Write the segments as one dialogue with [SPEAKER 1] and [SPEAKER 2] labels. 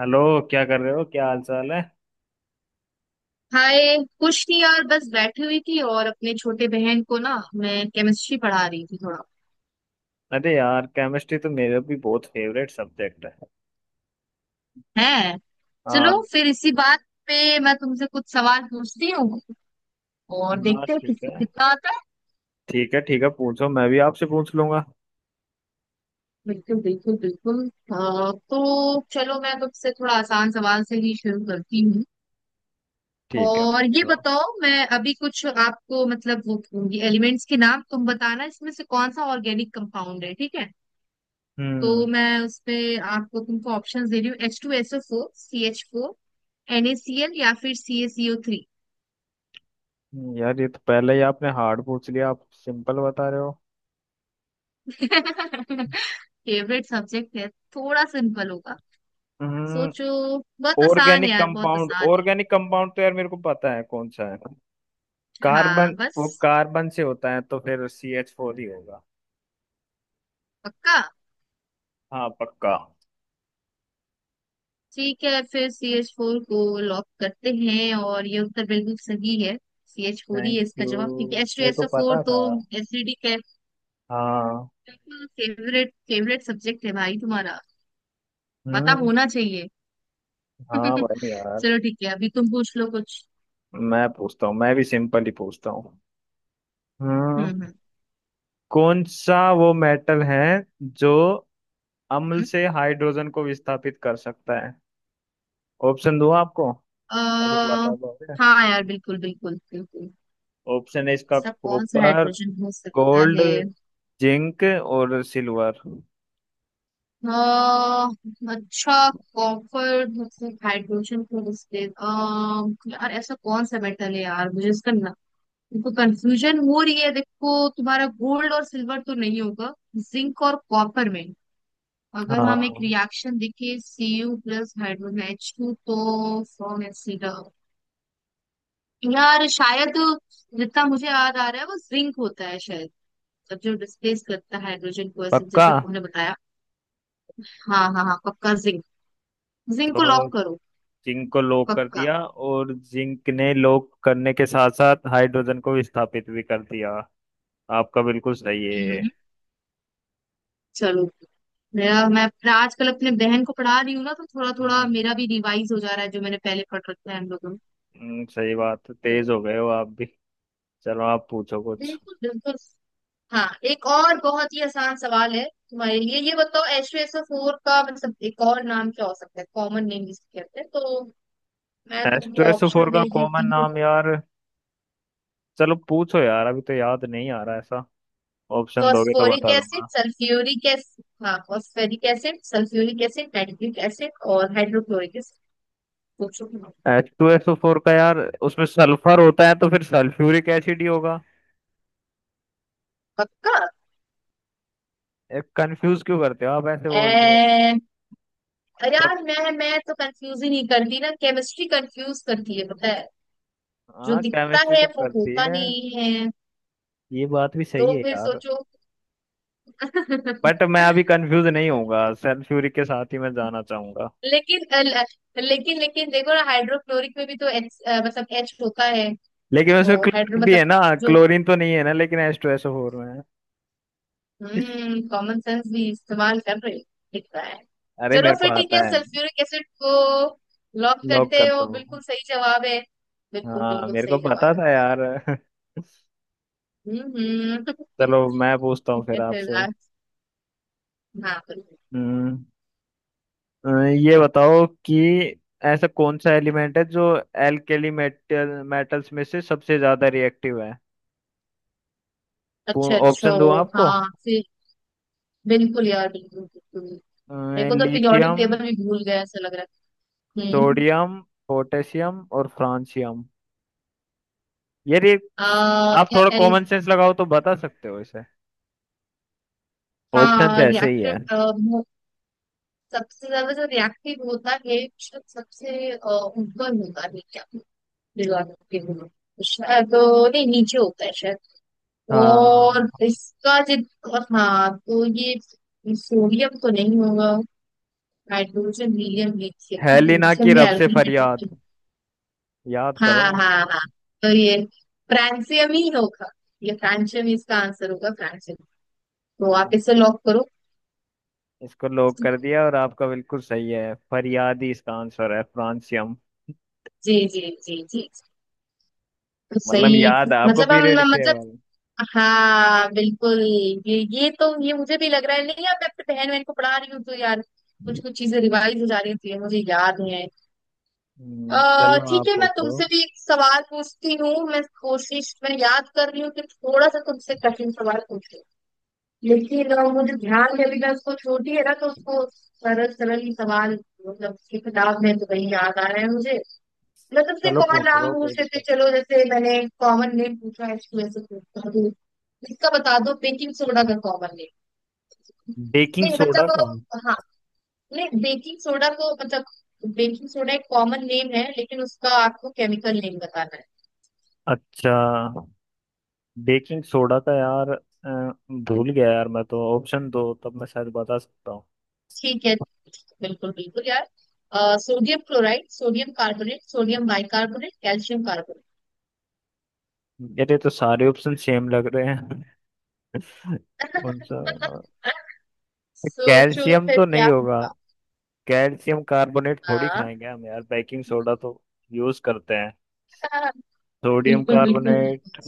[SPEAKER 1] Hello. क्या कर रहे हो? क्या हाल चाल है?
[SPEAKER 2] हाय कुछ नहीं यार, बस बैठी हुई थी और अपने छोटे बहन को ना मैं केमिस्ट्री पढ़ा रही थी थोड़ा
[SPEAKER 1] अरे यार, केमिस्ट्री तो मेरा भी बहुत फेवरेट सब्जेक्ट है।
[SPEAKER 2] है। चलो
[SPEAKER 1] हाँ।
[SPEAKER 2] फिर इसी बात पे मैं तुमसे कुछ सवाल पूछती हूँ और
[SPEAKER 1] हाँ
[SPEAKER 2] देखते हैं
[SPEAKER 1] ठीक
[SPEAKER 2] किसको
[SPEAKER 1] है।
[SPEAKER 2] कितना आता है।
[SPEAKER 1] ठीक है, ठीक है, पूछो। मैं भी आपसे पूछ लूंगा।
[SPEAKER 2] बिल्कुल बिल्कुल बिल्कुल। तो चलो मैं तुमसे थोड़ा आसान सवाल से ही शुरू करती हूँ।
[SPEAKER 1] ठीक है,
[SPEAKER 2] और ये
[SPEAKER 1] पूछो।
[SPEAKER 2] बताओ, मैं अभी कुछ आपको मतलब वो एलिमेंट्स के नाम तुम बताना, इसमें से कौन सा ऑर्गेनिक कंपाउंड है, ठीक है। तो
[SPEAKER 1] हम्म।
[SPEAKER 2] मैं उसपे आपको तुमको ऑप्शंस दे रही हूँ, H two S O four, C H four, N A C L, या फिर C A C O three.
[SPEAKER 1] यार ये तो पहले ही आपने हार्ड पूछ लिया। आप सिंपल बता रहे हो।
[SPEAKER 2] फेवरेट सब्जेक्ट है, थोड़ा सिंपल होगा।
[SPEAKER 1] हम्म।
[SPEAKER 2] सोचो, बहुत आसान है यार, बहुत आसान
[SPEAKER 1] ऑर्गेनिक कंपाउंड तो यार मेरे को पता है कौन सा है।
[SPEAKER 2] है। हाँ
[SPEAKER 1] कार्बन।
[SPEAKER 2] बस,
[SPEAKER 1] वो कार्बन से होता है तो फिर सी एच फोर ही होगा।
[SPEAKER 2] पक्का।
[SPEAKER 1] हाँ, पक्का।
[SPEAKER 2] ठीक है, फिर सी एच फोर को लॉक करते हैं और ये उत्तर बिल्कुल सही है। सी एच फोर ही
[SPEAKER 1] थैंक
[SPEAKER 2] है इसका
[SPEAKER 1] यू।
[SPEAKER 2] जवाब, क्योंकि एच टू
[SPEAKER 1] मेरे
[SPEAKER 2] एस
[SPEAKER 1] को
[SPEAKER 2] ओ फोर
[SPEAKER 1] पता था।
[SPEAKER 2] तो एसिडिक है।
[SPEAKER 1] हाँ।
[SPEAKER 2] फेवरेट फेवरेट सब्जेक्ट है भाई तुम्हारा, पता
[SPEAKER 1] हम्म।
[SPEAKER 2] होना चाहिए।
[SPEAKER 1] हाँ
[SPEAKER 2] चलो
[SPEAKER 1] भाई यार।
[SPEAKER 2] ठीक है, अभी तुम पूछ लो कुछ।
[SPEAKER 1] मैं पूछता हूँ। मैं भी सिंपल ही पूछता हूँ।
[SPEAKER 2] हम्म
[SPEAKER 1] हाँ।
[SPEAKER 2] हम्म
[SPEAKER 1] कौन सा वो मेटल है जो अम्ल
[SPEAKER 2] हम्म।
[SPEAKER 1] से हाइड्रोजन को विस्थापित कर सकता है? ऑप्शन दूँ आपको अगर
[SPEAKER 2] अ,
[SPEAKER 1] बता दोगे?
[SPEAKER 2] हाँ यार, बिल्कुल बिल्कुल बिल्कुल।
[SPEAKER 1] ऑप्शन है इसका
[SPEAKER 2] ऐसा कौन सा
[SPEAKER 1] कॉपर,
[SPEAKER 2] हाइड्रोजन हो सकता
[SPEAKER 1] गोल्ड,
[SPEAKER 2] है।
[SPEAKER 1] जिंक और सिल्वर।
[SPEAKER 2] अ, अच्छा, कॉपर मतलब हाइड्रोजन को रिश्ते। यार ऐसा कौन सा मेटल है यार, मुझे इसका ना, तुमको कंफ्यूजन हो रही है। देखो तुम्हारा गोल्ड और सिल्वर तो नहीं होगा, जिंक और कॉपर में। अगर हम एक
[SPEAKER 1] हाँ,
[SPEAKER 2] रिएक्शन देखें Cu प्लस हाइड्रोजन H2 तो फॉर्म। यार शायद जितना मुझे याद आ रहा है, वो जिंक होता है शायद, जब जो डिस्प्लेस करता है हाइड्रोजन को, ऐसे
[SPEAKER 1] पक्का।
[SPEAKER 2] जैसे तुमने बताया। हाँ हाँ हाँ, पक्का जिंक, जिंक को
[SPEAKER 1] तो
[SPEAKER 2] लॉक करो।
[SPEAKER 1] जिंक को लॉक कर
[SPEAKER 2] पक्का।
[SPEAKER 1] दिया, और जिंक ने लॉक करने के साथ साथ हाइड्रोजन को विस्थापित भी कर दिया। आपका बिल्कुल सही
[SPEAKER 2] हम्म, चलो। मेरा मैं आजकल अपने बहन को पढ़ा रही हूँ ना, तो थोड़ा थोड़ा
[SPEAKER 1] है।
[SPEAKER 2] मेरा भी रिवाइज हो जा रहा है जो मैंने पहले पढ़ रखा है हम लोगों ने।
[SPEAKER 1] सही बात है।
[SPEAKER 2] तो
[SPEAKER 1] तेज हो गए हो आप भी। चलो आप पूछो कुछ।
[SPEAKER 2] बिल्कुल बिल्कुल। हाँ एक और बहुत ही आसान सवाल है तुम्हारे लिए, ये बताओ H two S O four का मतलब एक और नाम क्या हो सकता है, कॉमन नेम जिसे कहते हैं। तो मैं
[SPEAKER 1] एच टू
[SPEAKER 2] तुमको
[SPEAKER 1] एस फोर
[SPEAKER 2] ऑप्शन
[SPEAKER 1] का
[SPEAKER 2] दे
[SPEAKER 1] कॉमन
[SPEAKER 2] देती हूँ,
[SPEAKER 1] नाम यार। चलो पूछो यार, अभी तो याद नहीं आ रहा ऐसा। ऑप्शन दोगे तो
[SPEAKER 2] फॉस्फोरिक
[SPEAKER 1] बता
[SPEAKER 2] एसिड,
[SPEAKER 1] दूंगा।
[SPEAKER 2] सल्फ्यूरिक एसिड, हाँ phosphoric acid, sulphuric acid, nitric acid और हाइड्रोक्लोरिक एसिड। सोचो।
[SPEAKER 1] एच टू एस फोर का यार। उसमें सल्फर होता है तो फिर सल्फ्यूरिक एसिड ही होगा।
[SPEAKER 2] पक्का।
[SPEAKER 1] एक कंफ्यूज क्यों करते हो आप ऐसे
[SPEAKER 2] ए,
[SPEAKER 1] बोल के?
[SPEAKER 2] अरे
[SPEAKER 1] पक-
[SPEAKER 2] यार, मैं तो कंफ्यूज ही नहीं करती ना, केमिस्ट्री कंफ्यूज करती है पता है। जो
[SPEAKER 1] हाँ,
[SPEAKER 2] दिखता
[SPEAKER 1] केमिस्ट्री
[SPEAKER 2] है
[SPEAKER 1] तो
[SPEAKER 2] वो
[SPEAKER 1] करती
[SPEAKER 2] होता
[SPEAKER 1] है।
[SPEAKER 2] नहीं है।
[SPEAKER 1] ये बात भी सही
[SPEAKER 2] तो
[SPEAKER 1] है
[SPEAKER 2] फिर
[SPEAKER 1] यार।
[SPEAKER 2] सोचो।
[SPEAKER 1] बट मैं अभी कंफ्यूज नहीं होऊंगा, सल्फ्यूरिक के साथ ही मैं जाना चाहूंगा।
[SPEAKER 2] लेकिन अल- लेकिन लेकिन देखो ना, हाइड्रोक्लोरिक में भी तो एच, मतलब एच होता है।
[SPEAKER 1] लेकिन उसमें
[SPEAKER 2] वो हाइड्रो
[SPEAKER 1] क्लोरीन भी
[SPEAKER 2] मतलब
[SPEAKER 1] है ना।
[SPEAKER 2] जो।
[SPEAKER 1] क्लोरीन तो नहीं है ना, लेकिन एच टू एस फोर में है।
[SPEAKER 2] हम्म, कॉमन सेंस भी इस्तेमाल कर रहे हो, दिख रहा है।
[SPEAKER 1] अरे
[SPEAKER 2] चलो
[SPEAKER 1] मेरे को
[SPEAKER 2] फिर ठीक
[SPEAKER 1] आता
[SPEAKER 2] है,
[SPEAKER 1] है।
[SPEAKER 2] सल्फ्यूरिक एसिड को लॉक
[SPEAKER 1] लॉक
[SPEAKER 2] करते
[SPEAKER 1] करता
[SPEAKER 2] हो,
[SPEAKER 1] हूँ।
[SPEAKER 2] बिल्कुल सही जवाब है। बिल्कुल
[SPEAKER 1] हाँ,
[SPEAKER 2] बिल्कुल
[SPEAKER 1] मेरे को
[SPEAKER 2] सही जवाब
[SPEAKER 1] पता
[SPEAKER 2] है।
[SPEAKER 1] था यार।
[SPEAKER 2] हम्म।
[SPEAKER 1] चलो मैं पूछता हूँ
[SPEAKER 2] ठीक
[SPEAKER 1] फिर
[SPEAKER 2] है फिर
[SPEAKER 1] आपसे।
[SPEAKER 2] आज, हाँ बिल्कुल।
[SPEAKER 1] हम्म। ये बताओ कि ऐसा कौन सा एलिमेंट है जो एल्केली मेटल्स में से सबसे ज्यादा रिएक्टिव है?
[SPEAKER 2] अच्छा अच्छा।
[SPEAKER 1] ऑप्शन दूँ आपको?
[SPEAKER 2] हाँ फिर बिल्कुल यार, बिल्कुल बिल्कुल। मेरे को तो पीरियोडिक
[SPEAKER 1] लिथियम,
[SPEAKER 2] टेबल भी भूल गया ऐसा लग रहा है। हम्म।
[SPEAKER 1] सोडियम, पोटेशियम और फ्रांसियम। यार ये रे, आप
[SPEAKER 2] या
[SPEAKER 1] थोड़ा
[SPEAKER 2] एल।
[SPEAKER 1] कॉमन सेंस लगाओ तो बता सकते हो इसे। ऑप्शन
[SPEAKER 2] हाँ
[SPEAKER 1] ऐसे ही है।
[SPEAKER 2] रिएक्टिव, सबसे ज्यादा जो रिएक्टिव होता है, शायद सबसे ऊपर होता है। दिलवा सकती हूँ, शायद तो नहीं, नीचे होता है शायद। और
[SPEAKER 1] हाँ।
[SPEAKER 2] इसका जित, और हाँ तो ये सोडियम तो नहीं होगा। हाइड्रोजन, हीलियम, लिथियम,
[SPEAKER 1] हेलिना की
[SPEAKER 2] लिथियम भी
[SPEAKER 1] रब से
[SPEAKER 2] एल्किल है तो
[SPEAKER 1] फरियाद,
[SPEAKER 2] फिर।
[SPEAKER 1] याद करो।
[SPEAKER 2] हाँ हाँ हाँ, तो ये फ्रांसियम ही होगा। ये फ्रांसियम ही इसका आंसर होगा, फ्रांसियम। तो आप
[SPEAKER 1] हाँ,
[SPEAKER 2] इसे लॉक करो।
[SPEAKER 1] इसको लॉक कर दिया, और आपका बिल्कुल सही है। फरियाद ही इसका आंसर है, फ्रांसियम।
[SPEAKER 2] जी जी, जी जी। तो
[SPEAKER 1] मतलब
[SPEAKER 2] सही
[SPEAKER 1] याद है आपको
[SPEAKER 2] मतलब हम
[SPEAKER 1] पीरियडिक
[SPEAKER 2] मतलब।
[SPEAKER 1] टेबल।
[SPEAKER 2] हाँ बिल्कुल, ये तो ये मुझे भी लग रहा है, नहीं अब मैं अपनी बहन बहन को पढ़ा रही हूँ तो यार कुछ कुछ चीजें रिवाइज हो जा रही थी, मुझे याद है। अः
[SPEAKER 1] चलो
[SPEAKER 2] ठीक
[SPEAKER 1] आप
[SPEAKER 2] है, मैं
[SPEAKER 1] पूछो।
[SPEAKER 2] तुमसे भी एक सवाल पूछती हूँ, मैं कोशिश, मैं याद कर रही हूँ कि थोड़ा सा तुमसे कठिन सवाल पूछूं, लेकिन मुझे ध्यान में अभी, मैं उसको छोटी है ना, तो उसको सरल सरल ही सवाल, मतलब उसकी किताब में तो वही याद आ रहा है मुझे। मैं तुमसे
[SPEAKER 1] चलो
[SPEAKER 2] कॉमन
[SPEAKER 1] पूछ
[SPEAKER 2] नाम
[SPEAKER 1] लो, कोई
[SPEAKER 2] पूछ लेते
[SPEAKER 1] दिक्कत।
[SPEAKER 2] चलो, जैसे मैंने कॉमन नेम पूछा है ऐसे पूछता। इसका बता दो, बेकिंग सोडा का कॉमन नेम।
[SPEAKER 1] बेकिंग
[SPEAKER 2] नहीं
[SPEAKER 1] सोडा का?
[SPEAKER 2] मतलब, हाँ, नहीं बेकिंग सोडा को मतलब, बेकिंग सोडा एक कॉमन नेम है, लेकिन उसका आपको केमिकल नेम बताना है।
[SPEAKER 1] अच्छा। बेकिंग सोडा का यार, भूल गया यार। मैं तो ऑप्शन दो तब मैं शायद बता सकता हूँ।
[SPEAKER 2] ठीक है, बिल्कुल बिल्कुल यार। Sodium chloride, sodium carbonate, sodium bicarbonate, calcium carbonate.
[SPEAKER 1] मेरे तो सारे ऑप्शन सेम लग रहे हैं। कौन सा?
[SPEAKER 2] सोचो
[SPEAKER 1] कैल्शियम
[SPEAKER 2] फिर
[SPEAKER 1] तो
[SPEAKER 2] क्या
[SPEAKER 1] नहीं होगा।
[SPEAKER 2] होगा।
[SPEAKER 1] कैल्शियम कार्बोनेट थोड़ी
[SPEAKER 2] हाँ।
[SPEAKER 1] खाएंगे हम यार, बेकिंग सोडा तो यूज करते हैं।
[SPEAKER 2] हाँ,
[SPEAKER 1] सोडियम
[SPEAKER 2] बिल्कुल बिल्कुल बिल्कुल।
[SPEAKER 1] Carbonate,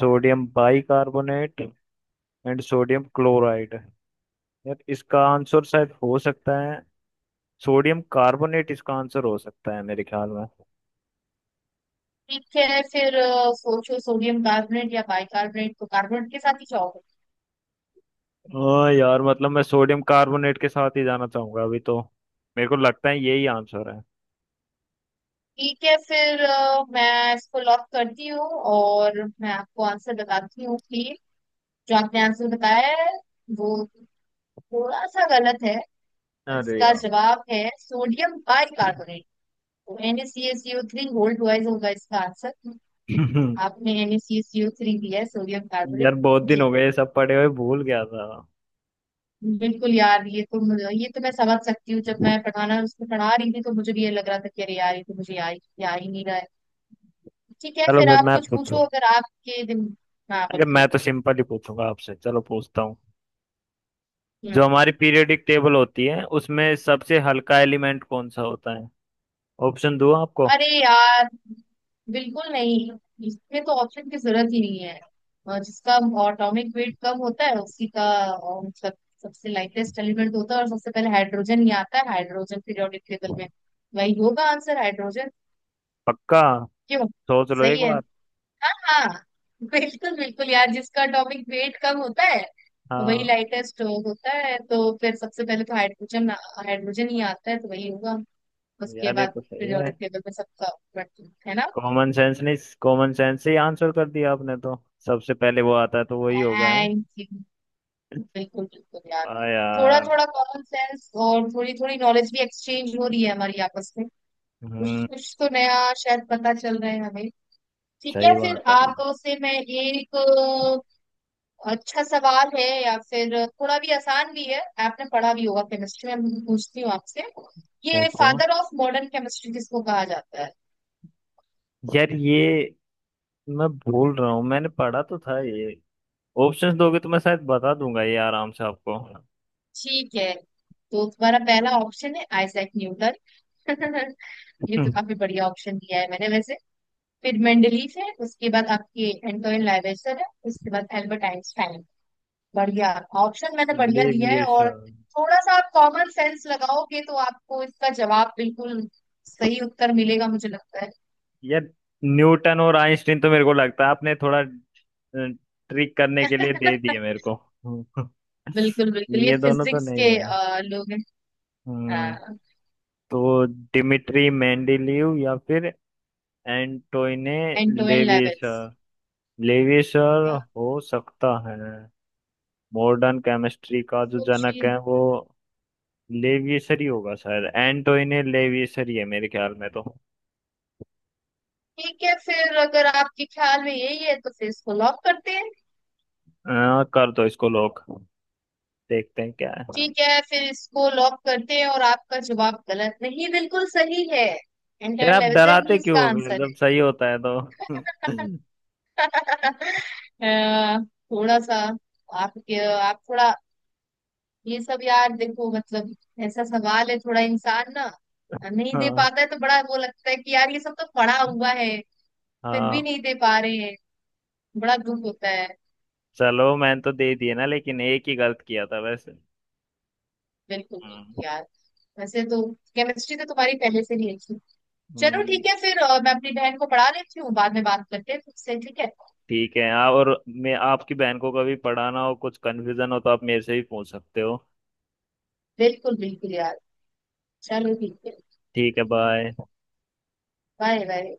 [SPEAKER 1] sodium bicarbonate and sodium chloride. यार इसका आंसर शायद हो सकता है सोडियम कार्बोनेट। इसका आंसर हो सकता है मेरे ख्याल में।
[SPEAKER 2] ठीक है फिर सोचो, सोडियम कार्बोनेट या बाइकार्बोनेट, तो कार्बोनेट के साथ ही जाओ।
[SPEAKER 1] ओ यार, मतलब मैं सोडियम कार्बोनेट के साथ ही जाना चाहूंगा अभी तो। मेरे को लगता है यही आंसर है।
[SPEAKER 2] ठीक है फिर मैं इसको लॉक करती हूँ, और मैं आपको आंसर बताती हूँ कि जो आपने आंसर बताया है वो थोड़ा सा गलत है।
[SPEAKER 1] अरे
[SPEAKER 2] इसका
[SPEAKER 1] यार।
[SPEAKER 2] जवाब है सोडियम बाइकार्बोनेट। तो NaCl3 गोल्ड वाइज होगा इसका आंसर। आपने NaCl3 दिया है सोडियम कार्बोनेट।
[SPEAKER 1] यार बहुत दिन
[SPEAKER 2] जी।
[SPEAKER 1] हो गए ये सब पढ़े हुए, भूल गया था।
[SPEAKER 2] बिल्कुल यार, ये तो मुझे, ये तो मैं समझ सकती हूँ, जब मैं पढ़ाना उसको पढ़ा रही थी तो मुझे भी ये लग रहा था कि अरे यार ये तो मुझे आ ही नहीं रहा है। ठीक है
[SPEAKER 1] चलो
[SPEAKER 2] फिर
[SPEAKER 1] फिर
[SPEAKER 2] आप
[SPEAKER 1] मैं
[SPEAKER 2] कुछ
[SPEAKER 1] पूछूं।
[SPEAKER 2] पूछो, अगर आपके दिन। हाँ
[SPEAKER 1] अरे, मैं तो
[SPEAKER 2] बिल्कुल।
[SPEAKER 1] सिंपल ही पूछूंगा आपसे, चलो पूछता हूँ। जो
[SPEAKER 2] हम्म।
[SPEAKER 1] हमारी पीरियोडिक टेबल होती है उसमें सबसे हल्का एलिमेंट कौन सा होता है? ऑप्शन दूँ आपको?
[SPEAKER 2] अरे यार, बिल्कुल नहीं, इसमें तो ऑप्शन की जरूरत ही नहीं है। जिसका एटॉमिक वेट कम होता है उसी का, मतलब सबसे लाइटेस्ट एलिमेंट होता है, और सबसे पहले हाइड्रोजन ही आता है, हाइड्रोजन पीरियोडिक टेबल में। वही होगा आंसर, हाइड्रोजन।
[SPEAKER 1] पक्का?
[SPEAKER 2] क्यों,
[SPEAKER 1] सोच लो एक
[SPEAKER 2] सही है।
[SPEAKER 1] बार।
[SPEAKER 2] हाँ बिल्कुल बिल्कुल यार, जिसका टॉपिक वेट कम होता है वही
[SPEAKER 1] हाँ
[SPEAKER 2] लाइटेस्ट स्ट्रोक होता है। तो फिर सबसे पहले तो हाइड्रोजन हाइड्रोजन ही आता है, तो वही होगा। उसके
[SPEAKER 1] यार, ये
[SPEAKER 2] बाद
[SPEAKER 1] तो सही है।
[SPEAKER 2] पीरियोडिक टेबल में सबका बढ़ती है ना।
[SPEAKER 1] कॉमन सेंस नहीं, कॉमन सेंस से ही आंसर कर दिया आपने तो। सबसे पहले वो आता है तो वही होगा है।
[SPEAKER 2] Thank you. बिल्कुल बिल्कुल यार,
[SPEAKER 1] आ
[SPEAKER 2] थोड़ा
[SPEAKER 1] यार।
[SPEAKER 2] थोड़ा कॉमन सेंस और थोड़ी थोड़ी नॉलेज भी एक्सचेंज हो रही है हमारी आपस में। कुछ
[SPEAKER 1] हम्म।
[SPEAKER 2] कुछ तो नया शायद पता चल रहा है हमें। ठीक है
[SPEAKER 1] सही बात
[SPEAKER 2] फिर
[SPEAKER 1] है।
[SPEAKER 2] आप से मैं एक अच्छा सवाल है, या फिर थोड़ा भी आसान भी है। आपने पढ़ा भी होगा केमिस्ट्री में। मैं पूछती हूँ आपसे, ये
[SPEAKER 1] पूछो।
[SPEAKER 2] फादर ऑफ मॉडर्न केमिस्ट्री किसको कहा जाता है।
[SPEAKER 1] यार ये मैं भूल रहा हूँ। मैंने पढ़ा तो था ये। ऑप्शंस दोगे तो मैं शायद बता दूंगा ये आराम से आपको।
[SPEAKER 2] ठीक है, तो तुम्हारा पहला ऑप्शन है आइजैक न्यूटन। ये तो काफी बढ़िया ऑप्शन दिया है मैंने वैसे। फिर मेंडलीफ है, उसके बाद आपके एंटोइन लावेजर है, उसके बाद एल्बर्ट आइंस्टाइन। बढ़िया ऑप्शन मैंने बढ़िया दिया है, और
[SPEAKER 1] लेविएशन।
[SPEAKER 2] थोड़ा सा आप कॉमन सेंस लगाओगे तो आपको इसका जवाब बिल्कुल सही उत्तर मिलेगा मुझे लगता
[SPEAKER 1] यार, न्यूटन और आइंस्टीन तो मेरे को लगता है आपने थोड़ा ट्रिक करने
[SPEAKER 2] है।
[SPEAKER 1] के लिए दे दिए मेरे को। हम्म,
[SPEAKER 2] बिल्कुल बिल्कुल, ये
[SPEAKER 1] ये दोनों तो
[SPEAKER 2] फिजिक्स
[SPEAKER 1] नहीं
[SPEAKER 2] के
[SPEAKER 1] है।
[SPEAKER 2] लोग हैं।
[SPEAKER 1] हम्म, तो डिमिट्री मेंडेलीव या फिर एंटोइने
[SPEAKER 2] एंड टू एंड लेवल्स।
[SPEAKER 1] लेविसर। लेविसर हो सकता है। मॉडर्न केमिस्ट्री का जो
[SPEAKER 2] सोचिए।
[SPEAKER 1] जनक है वो लेविसर ही होगा शायद, एंटोइने लेविसर ही है मेरे ख्याल में तो।
[SPEAKER 2] ठीक है फिर, अगर आपके ख्याल में यही है तो फिर इसको लॉक करते हैं।
[SPEAKER 1] कर दो इसको लोग, देखते हैं क्या है।
[SPEAKER 2] ठीक है फिर इसको लॉक करते हैं, और आपका जवाब गलत नहीं, बिल्कुल सही है।
[SPEAKER 1] यार
[SPEAKER 2] एंटर
[SPEAKER 1] आप
[SPEAKER 2] लेवजन ही
[SPEAKER 1] डराते क्यों
[SPEAKER 2] इसका
[SPEAKER 1] हो फिर,
[SPEAKER 2] आंसर
[SPEAKER 1] जब
[SPEAKER 2] है।
[SPEAKER 1] सही होता है तो।
[SPEAKER 2] अ, थोड़ा सा आपके आप थोड़ा ये सब यार, देखो मतलब ऐसा सवाल है, थोड़ा इंसान ना नहीं दे
[SPEAKER 1] हाँ,
[SPEAKER 2] पाता है तो बड़ा वो लगता है कि यार ये सब तो पढ़ा हुआ है, फिर भी
[SPEAKER 1] हाँ।
[SPEAKER 2] नहीं दे पा रहे हैं, बड़ा दुख होता है।
[SPEAKER 1] चलो मैंने तो दे दिए ना, लेकिन एक ही गलत किया था वैसे।
[SPEAKER 2] बिल्कुल
[SPEAKER 1] हम्म।
[SPEAKER 2] बिल्कुल यार। वैसे तो केमिस्ट्री तो तुम्हारी पहले से ही अच्छी। चलो
[SPEAKER 1] हम्म,
[SPEAKER 2] ठीक है फिर मैं अपनी बहन को पढ़ा लेती हूँ, बाद में बात करते हैं तुमसे, ठीक है।
[SPEAKER 1] ठीक है, आप और मैं आपकी बहन को कभी पढ़ाना हो, कुछ कन्फ्यूजन हो तो आप मेरे से ही पूछ सकते हो।
[SPEAKER 2] बिल्कुल बिल्कुल यार। चलो ठीक है।
[SPEAKER 1] ठीक है, बाय।
[SPEAKER 2] Bye bye.